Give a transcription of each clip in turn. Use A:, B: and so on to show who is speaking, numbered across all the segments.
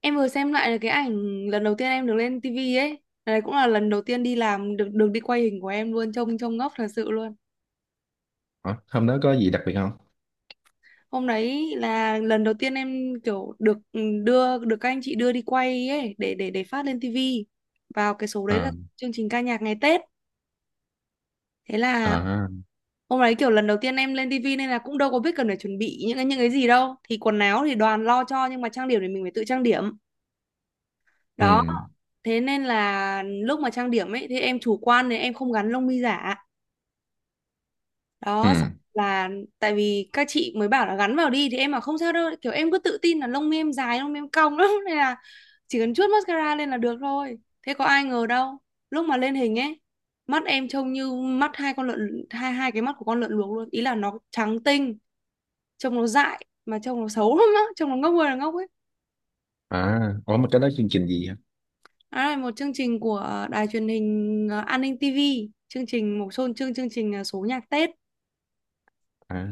A: Em vừa xem lại cái ảnh lần đầu tiên em được lên tivi ấy. Đấy cũng là lần đầu tiên đi làm được được đi quay hình của em luôn, trông trông ngốc thật sự luôn.
B: Ủa, hôm đó có gì đặc biệt không?
A: Hôm đấy là lần đầu tiên em kiểu được đưa được các anh chị đưa đi quay ấy để phát lên tivi. Vào cái số đấy là
B: À,
A: chương trình ca nhạc ngày Tết. Thế là
B: à,
A: hôm đấy kiểu lần đầu tiên em lên tivi nên là cũng đâu có biết cần phải chuẩn bị những cái gì đâu. Thì quần áo thì đoàn lo cho nhưng mà trang điểm thì mình phải tự trang điểm.
B: ừ,
A: Đó, thế nên là lúc mà trang điểm ấy thì em chủ quan nên em không gắn lông mi giả
B: ừ,
A: đó xong là tại vì các chị mới bảo là gắn vào đi thì em bảo không sao đâu, kiểu em cứ tự tin là lông mi em dài, lông mi em cong lắm nên là chỉ cần chuốt mascara lên là được thôi. Thế có ai ngờ đâu, lúc mà lên hình ấy mắt em trông như mắt hai con lợn, hai hai cái mắt của con lợn luộc luôn, ý là nó trắng tinh, trông nó dại mà trông nó xấu lắm á, trông nó ngốc ơi là ngốc ấy.
B: à, ủa mà cái đó chương trình gì hả?
A: Đó là một chương trình của đài truyền hình An ninh TV, chương trình một chương chương chương trình số nhạc Tết.
B: À,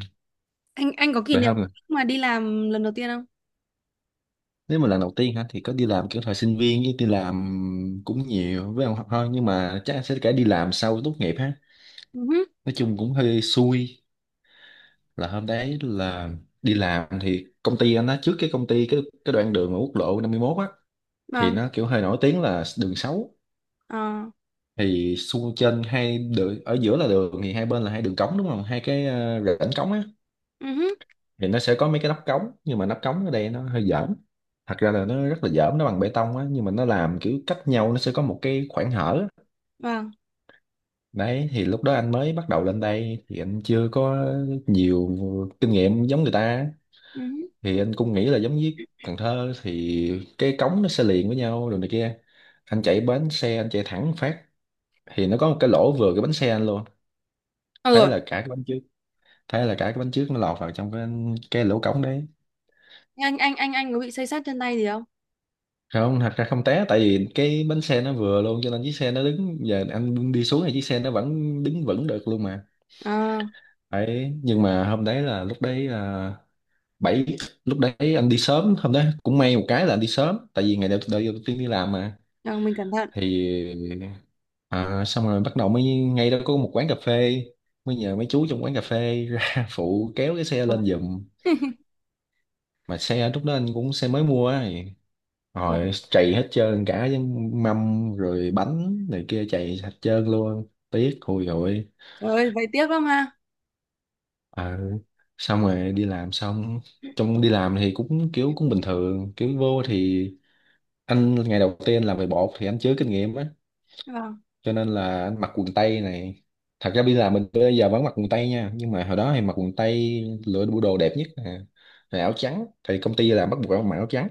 A: Anh có kỷ
B: đại
A: niệm
B: học nè.
A: mà đi làm lần đầu tiên không?
B: Nếu mà lần đầu tiên hả, thì có đi làm kiểu thời sinh viên với đi làm cũng nhiều với ông học thôi. Nhưng mà chắc sẽ cả đi làm sau tốt nghiệp ha.
A: Ừ hứ.
B: Nói chung cũng hơi xui là hôm đấy là đi làm thì công ty anh đó trước cái công ty cái đoạn đường ở quốc lộ 51 á, thì
A: Vâng.
B: nó kiểu hơi nổi tiếng là đường xấu.
A: Ờ,
B: Thì xung trên hai đường ở giữa là đường, thì hai bên là hai đường cống, đúng không, hai cái rãnh cống á.
A: ừ hứ,
B: Thì nó sẽ có mấy cái nắp cống, nhưng mà nắp cống ở đây nó hơi dởm, thật ra là nó rất là dởm. Nó bằng bê tông á, nhưng mà nó làm kiểu cách nhau, nó sẽ có một cái khoảng hở á.
A: vâng,
B: Đấy, thì lúc đó anh mới bắt đầu lên đây thì anh chưa có nhiều kinh nghiệm giống người ta á.
A: ừ hứ.
B: Thì anh cũng nghĩ là giống với Cần Thơ thì cái cống nó sẽ liền với nhau rồi này kia, anh chạy bánh xe anh chạy thẳng phát, thì nó có một cái lỗ vừa cái bánh xe anh luôn.
A: Ờ,
B: thế
A: rồi,
B: là cả cái bánh trước Thế là cả cái bánh trước nó lọt vào trong cái lỗ cống đấy.
A: anh có bị xây xát chân tay gì không?
B: Không, thật ra không té, tại vì cái bánh xe nó vừa luôn, cho nên chiếc xe nó đứng, giờ anh đi xuống thì chiếc xe nó vẫn đứng vững được luôn mà.
A: Ờ,
B: Đấy, nhưng mà hôm đấy là, lúc đấy là bảy lúc đấy anh đi sớm, hôm đấy cũng may một cái là anh đi sớm, tại vì ngày đầu tiên đi làm mà.
A: rồi mình cẩn thận.
B: Thì à, xong rồi bắt đầu, mới ngay đó có một quán cà phê, mới nhờ mấy chú trong quán cà phê ra phụ kéo cái xe lên
A: Vâng.
B: giùm. Mà xe lúc đó anh cũng xe mới mua á, rồi
A: Vâng.
B: trầy hết trơn cả với mâm rồi bánh này kia, trầy hết trơn luôn, tiếc hôi rồi.
A: Trời ơi, vậy tiếc lắm ha.
B: Ờ, xong rồi đi làm. Xong trong đi làm thì cũng kiểu cũng bình thường, kiểu vô thì anh ngày đầu tiên làm về bột thì anh chưa kinh nghiệm á,
A: Vâng,
B: cho nên là anh mặc quần tây này. Thật ra bây giờ mình bây giờ vẫn mặc quần tây nha, nhưng mà hồi đó thì mặc quần tây lựa bộ đồ đẹp nhất nè, rồi áo trắng thì công ty là bắt buộc phải mặc áo trắng.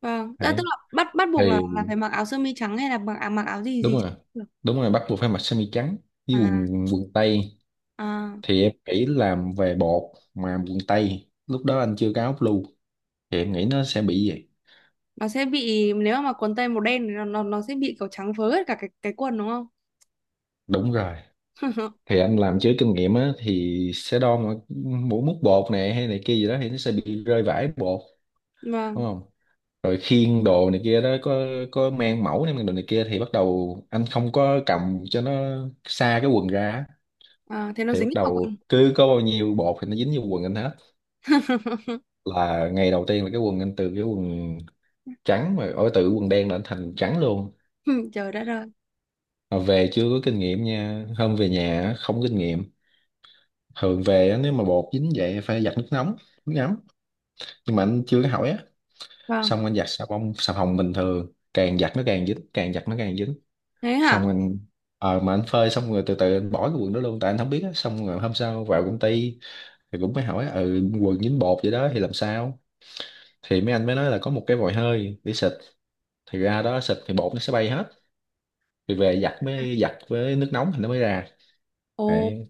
A: vâng. Đã tức
B: Đấy,
A: là bắt bắt
B: thì
A: buộc là phải mặc áo sơ mi trắng hay là mặc mặc áo gì
B: đúng
A: gì trắng
B: rồi,
A: cũng được.
B: đúng rồi, bắt buộc phải mặc sơ mi trắng với
A: À,
B: quần quần tây.
A: à,
B: Thì em nghĩ làm về bột mà quần tây, lúc đó anh chưa có áo blue, thì em nghĩ nó sẽ bị vậy.
A: nó sẽ bị, nếu mà mặc quần tây màu đen thì nó sẽ bị kiểu trắng phớ hết cả cái quần đúng không?
B: Đúng rồi, thì anh làm chứ kinh nghiệm á thì sẽ đo mỗi múc bột này hay này kia gì đó thì nó sẽ bị rơi vãi bột, đúng
A: Vâng,
B: không. Rồi khiên đồ này kia đó, có mang mẫu này mang đồ này kia thì bắt đầu anh không có cầm cho nó xa cái quần ra á,
A: à, thế nó
B: thì bắt
A: dính vào
B: đầu
A: quần.
B: cứ có bao nhiêu bột thì nó dính vô quần anh hết. Là ngày đầu tiên là cái quần anh, từ cái quần trắng mà ở từ quần đen là anh thành trắng luôn.
A: Trời đất ơi.
B: Mà về chưa có kinh nghiệm nha, hôm về nhà á, không có kinh nghiệm, thường về á, nếu mà bột dính vậy phải giặt nước nóng, nước ấm, nhưng mà anh chưa có hỏi á.
A: Vâng,
B: Xong anh giặt xà bông xà phòng bình thường, càng giặt nó càng dính, càng giặt nó càng dính.
A: thế hả?
B: Xong anh ờ mà Anh phơi xong rồi từ từ anh bỏ cái quần đó luôn, tại anh không biết á. Xong rồi hôm sau vào công ty thì cũng mới hỏi, ừ quần dính bột vậy đó thì làm sao, thì mấy anh mới nói là có một cái vòi hơi để xịt, thì ra đó xịt thì bột nó sẽ bay hết, thì về giặt, mới giặt với nước nóng thì nó mới ra.
A: Ồ,
B: Đấy,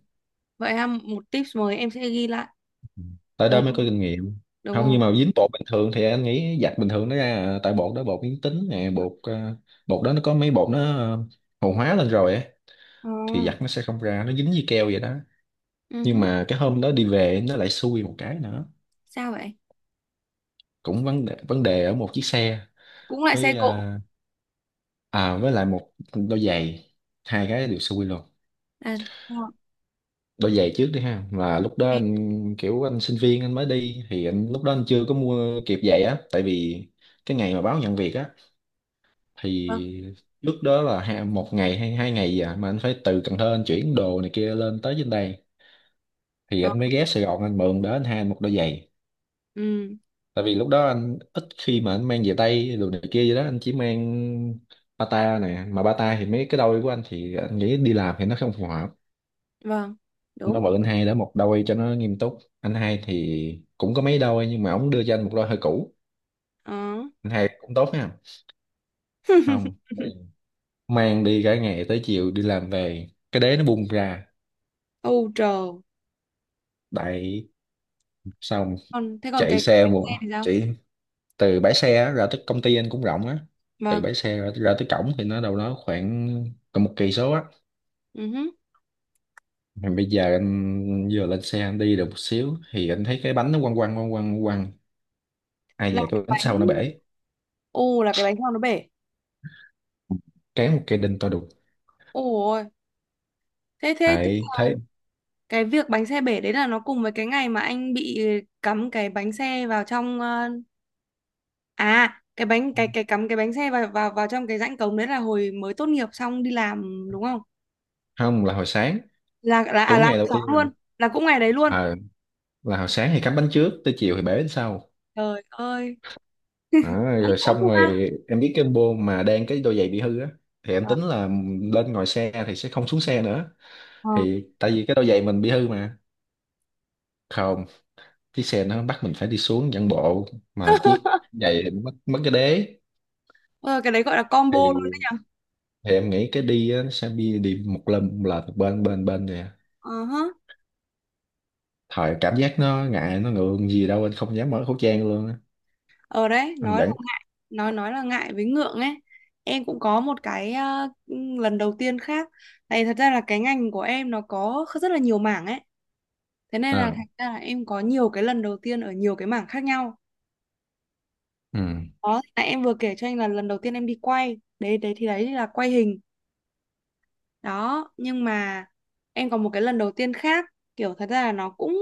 A: vậy ha, một tips mới em sẽ ghi lại.
B: tại
A: Trời
B: đó mới
A: ơi,
B: có kinh nghiệm.
A: đúng
B: Không,
A: không?
B: nhưng mà dính bột bình thường thì anh nghĩ giặt bình thường nó ra à. Tại bột đó bột biến tính nè, bột đó nó có mấy hồ hóa lên rồi á,
A: Ờ,
B: thì giặt nó sẽ không ra, nó dính với keo vậy đó.
A: ừ hứ.
B: Nhưng mà cái hôm đó đi về nó lại xui một cái nữa.
A: Sao vậy?
B: Cũng vấn đề ở một chiếc xe
A: Cũng lại xe
B: với
A: cộ.
B: với lại một đôi giày, hai cái đều xui luôn.
A: À, đúng rồi.
B: Đôi giày trước đi ha, là lúc đó
A: Thì-
B: anh kiểu anh sinh viên anh mới đi, thì anh lúc đó anh chưa có mua kịp giày á, tại vì cái ngày mà báo nhận việc á
A: ờ,
B: thì trước đó là hai, một ngày hay hai ngày gì à, mà anh phải từ Cần Thơ anh chuyển đồ này kia lên tới trên đây, thì
A: ờ,
B: anh mới ghé Sài Gòn anh mượn đó anh hai anh một đôi giày.
A: ừ,
B: Tại vì lúc đó anh ít khi mà anh mang về tay đồ này kia gì đó, anh chỉ mang bata nè, mà bata thì mấy cái đôi của anh thì anh nghĩ đi làm thì nó không phù hợp.
A: vâng, đúng.
B: Nó mượn anh hai đó một đôi cho nó nghiêm túc, anh hai thì cũng có mấy đôi nhưng mà ổng đưa cho anh một đôi hơi cũ.
A: Ờ.
B: Anh hai cũng tốt ha. Không, mang đi cả ngày tới chiều đi làm về cái đế nó bung ra.
A: Âu trời.
B: Đại xong,
A: Còn thế còn
B: chạy
A: cái
B: xe
A: bánh
B: một
A: xe thì sao?
B: chạy từ bãi xe á, ra tới công ty anh cũng rộng á, từ
A: Vâng.
B: bãi xe ra tới cổng thì nó đâu đó khoảng còn một cây số á.
A: Ừ hứ.
B: Mà bây giờ anh vừa lên xe anh đi được một xíu thì anh thấy cái bánh nó quăng quăng quăng quăng quăng, ai
A: Là
B: dè cái
A: cái
B: bánh
A: bánh,
B: sau nó bể,
A: ô là cái bánh sau nó bể.
B: cán một cây đinh to đùng.
A: Ôi, thế thế thế
B: Hãy thấy
A: là cái việc bánh xe bể đấy là nó cùng với cái ngày mà anh bị cắm cái bánh xe vào trong à cái bánh cái cắm cái bánh xe vào vào vào trong cái rãnh cống đấy, là hồi mới tốt nghiệp xong đi làm đúng không?
B: không, là hồi sáng,
A: Là
B: cũng
A: là
B: ngày đầu
A: sáng
B: tiên là,
A: luôn, là cũng ngày đấy luôn.
B: à, là hồi sáng thì cắm bánh trước, tới chiều thì bể bánh sau.
A: Trời ơi,
B: Đó,
A: cũng
B: rồi
A: cũng
B: xong
A: không ăn
B: rồi em biết cái bô mà đang, cái đôi giày bị hư á thì em
A: ờ
B: tính là lên ngồi xe thì sẽ không xuống xe nữa,
A: ờ.
B: thì tại vì cái đôi giày mình bị hư mà. Không, chiếc xe nó bắt mình phải đi xuống dẫn bộ, mà chiếc giày thì mất mất cái đế.
A: Ờ, cái đấy gọi là combo luôn
B: thì
A: đấy nhở.
B: thì em nghĩ cái đi á, nó sẽ đi đi một lần là từ bên bên bên nè,
A: Ờ hả.
B: thời cảm giác nó ngại nó ngượng gì đâu, anh không dám mở khẩu trang luôn á.
A: Ở đấy
B: Anh
A: nói là
B: vẫn
A: ngại, nói là ngại với ngượng ấy. Em cũng có một cái lần đầu tiên khác, tại thật ra là cái ngành của em nó có rất là nhiều mảng ấy, thế nên là
B: à.
A: thành ra là em có nhiều cái lần đầu tiên ở nhiều cái mảng khác nhau.
B: ừ
A: Đó là em vừa kể cho anh là lần đầu tiên em đi quay đấy, đấy thì đấy là quay hình đó. Nhưng mà em còn một cái lần đầu tiên khác, kiểu thật ra là nó cũng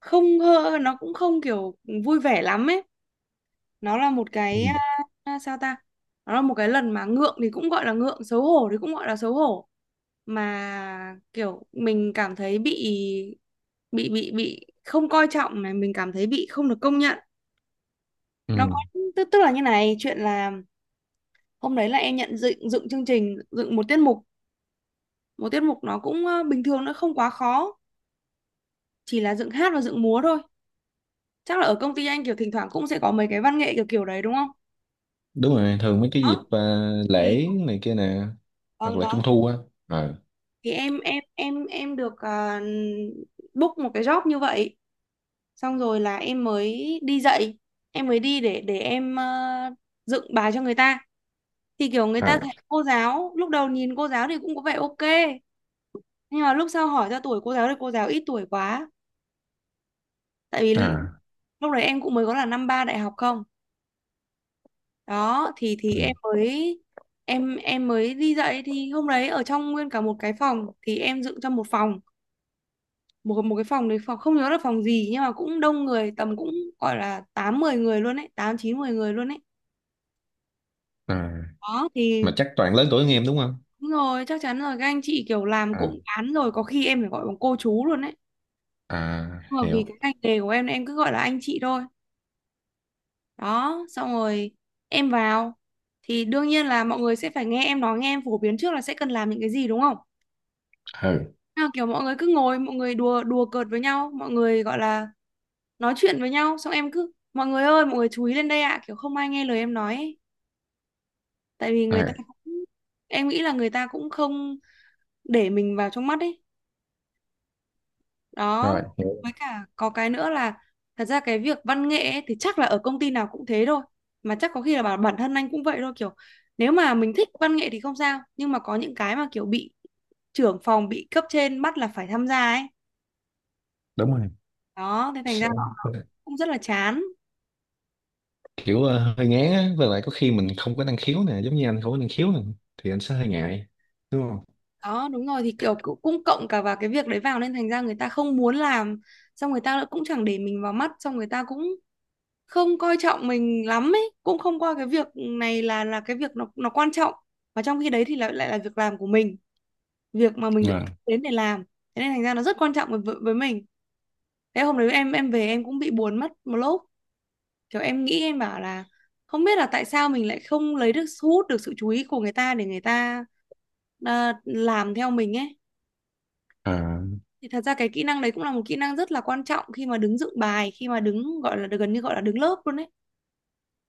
A: không hơ nó cũng không kiểu vui vẻ lắm ấy. Nó là một cái
B: ừ
A: à, sao ta, nó là một cái lần mà ngượng thì cũng gọi là ngượng, xấu hổ thì cũng gọi là xấu hổ, mà kiểu mình cảm thấy bị bị không coi trọng này, mình cảm thấy bị không được công nhận. Nó có,
B: ừ.
A: tức tức là như này, chuyện là hôm đấy là em nhận dựng dựng chương trình, dựng một tiết mục. Một tiết mục nó cũng bình thường, nó không quá khó, chỉ là dựng hát và dựng múa thôi. Chắc là ở công ty anh kiểu thỉnh thoảng cũng sẽ có mấy cái văn nghệ kiểu kiểu đấy đúng không?
B: Đúng rồi, thường mấy cái
A: Đó
B: dịp
A: thì
B: lễ này kia nè, hoặc
A: vâng,
B: là
A: đó
B: trung thu á. ờ
A: thì em được book một cái job như vậy. Xong rồi là em mới đi dạy, em mới đi để em dựng bài cho người ta. Thì kiểu người ta
B: à
A: thấy cô giáo, lúc đầu nhìn cô giáo thì cũng có vẻ ok, nhưng mà lúc sau hỏi ra tuổi cô giáo thì cô giáo ít tuổi quá. Tại vì
B: à
A: lúc đấy em cũng mới có là năm ba đại học không, đó thì
B: ừ,
A: em mới, em mới đi dạy. Thì hôm đấy ở trong nguyên cả một cái phòng, thì em dựng trong một phòng, một một cái phòng đấy, phòng không nhớ là phòng gì nhưng mà cũng đông người, tầm cũng gọi là tám mười người luôn ấy, tám chín mười người luôn ấy.
B: à
A: Đó
B: mà
A: thì
B: chắc toàn lớn tuổi hơn em đúng không.
A: đúng rồi, chắc chắn rồi, các anh chị kiểu làm
B: À,
A: cụm cán rồi, có khi em phải gọi bằng cô chú luôn đấy.
B: à
A: Nhưng mà vì
B: hiểu.
A: cái ngành nghề của em cứ gọi là anh chị thôi. Đó xong rồi em vào, thì đương nhiên là mọi người sẽ phải nghe em nói, nghe em phổ biến trước là sẽ cần làm những cái gì đúng không.
B: ừ
A: Nào kiểu mọi người cứ ngồi, mọi người đùa đùa cợt với nhau, mọi người gọi là nói chuyện với nhau, xong em cứ mọi người ơi mọi người chú ý lên đây ạ, kiểu không ai nghe lời em nói ấy. Tại vì người ta
B: à
A: cũng, em nghĩ là người ta cũng không để mình vào trong mắt ấy
B: Rồi
A: đó.
B: hiểu.
A: Với cả có cái nữa là thật ra cái việc văn nghệ ấy, thì chắc là ở công ty nào cũng thế thôi, mà chắc có khi là bản bản thân anh cũng vậy thôi, kiểu nếu mà mình thích văn nghệ thì không sao, nhưng mà có những cái mà kiểu bị trưởng phòng, bị cấp trên bắt là phải tham gia ấy.
B: Đúng rồi.
A: Đó thế thành ra nó
B: Hiểu.
A: cũng rất là chán.
B: Kiểu hơi ngán á, với lại có khi mình không có năng khiếu nè, giống như anh không có năng khiếu nè thì anh sẽ hơi ngại, đúng không.
A: Đó đúng rồi, thì kiểu cũng cũng cộng cả vào cái việc đấy vào, nên thành ra người ta không muốn làm, xong người ta lại cũng chẳng để mình vào mắt, xong người ta cũng không coi trọng mình lắm ấy, cũng không coi cái việc này là cái việc nó quan trọng. Và trong khi đấy thì lại lại là việc làm của mình, việc mà mình được
B: Vâng.
A: thuê đến để làm, thế nên thành ra nó rất quan trọng với với mình. Thế hôm đấy em về, em cũng bị buồn mất một lúc, kiểu em nghĩ em bảo là không biết là tại sao mình lại không lấy được, thu hút được sự chú ý của người ta để người ta làm theo mình ấy.
B: à
A: Thì thật ra cái kỹ năng đấy cũng là một kỹ năng rất là quan trọng khi mà đứng dựng bài, khi mà đứng gọi là gần như gọi là đứng lớp luôn đấy.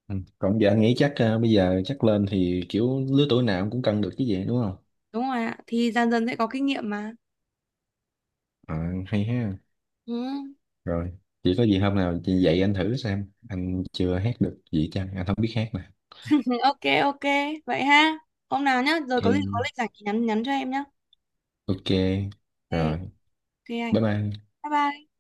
B: ừ, còn giờ anh nghĩ chắc bây giờ chắc lên thì kiểu lứa tuổi nào cũng cân được chứ gì, đúng không.
A: Đúng rồi ạ. Thì dần dần sẽ có kinh nghiệm mà.
B: Ờ, hay ha.
A: Ừ.
B: Rồi, chỉ có gì hôm nào chị dạy anh thử xem, anh chưa hát được gì chăng, anh không biết hát nè.
A: Ừ, ok ok, vậy ha. Hôm nào nhá, rồi có gì có
B: Em
A: lịch rảnh thì nhắn nhắn cho em nhá.
B: ok
A: Ok,
B: rồi,
A: ok
B: bye
A: anh.
B: bye.
A: Bye bye.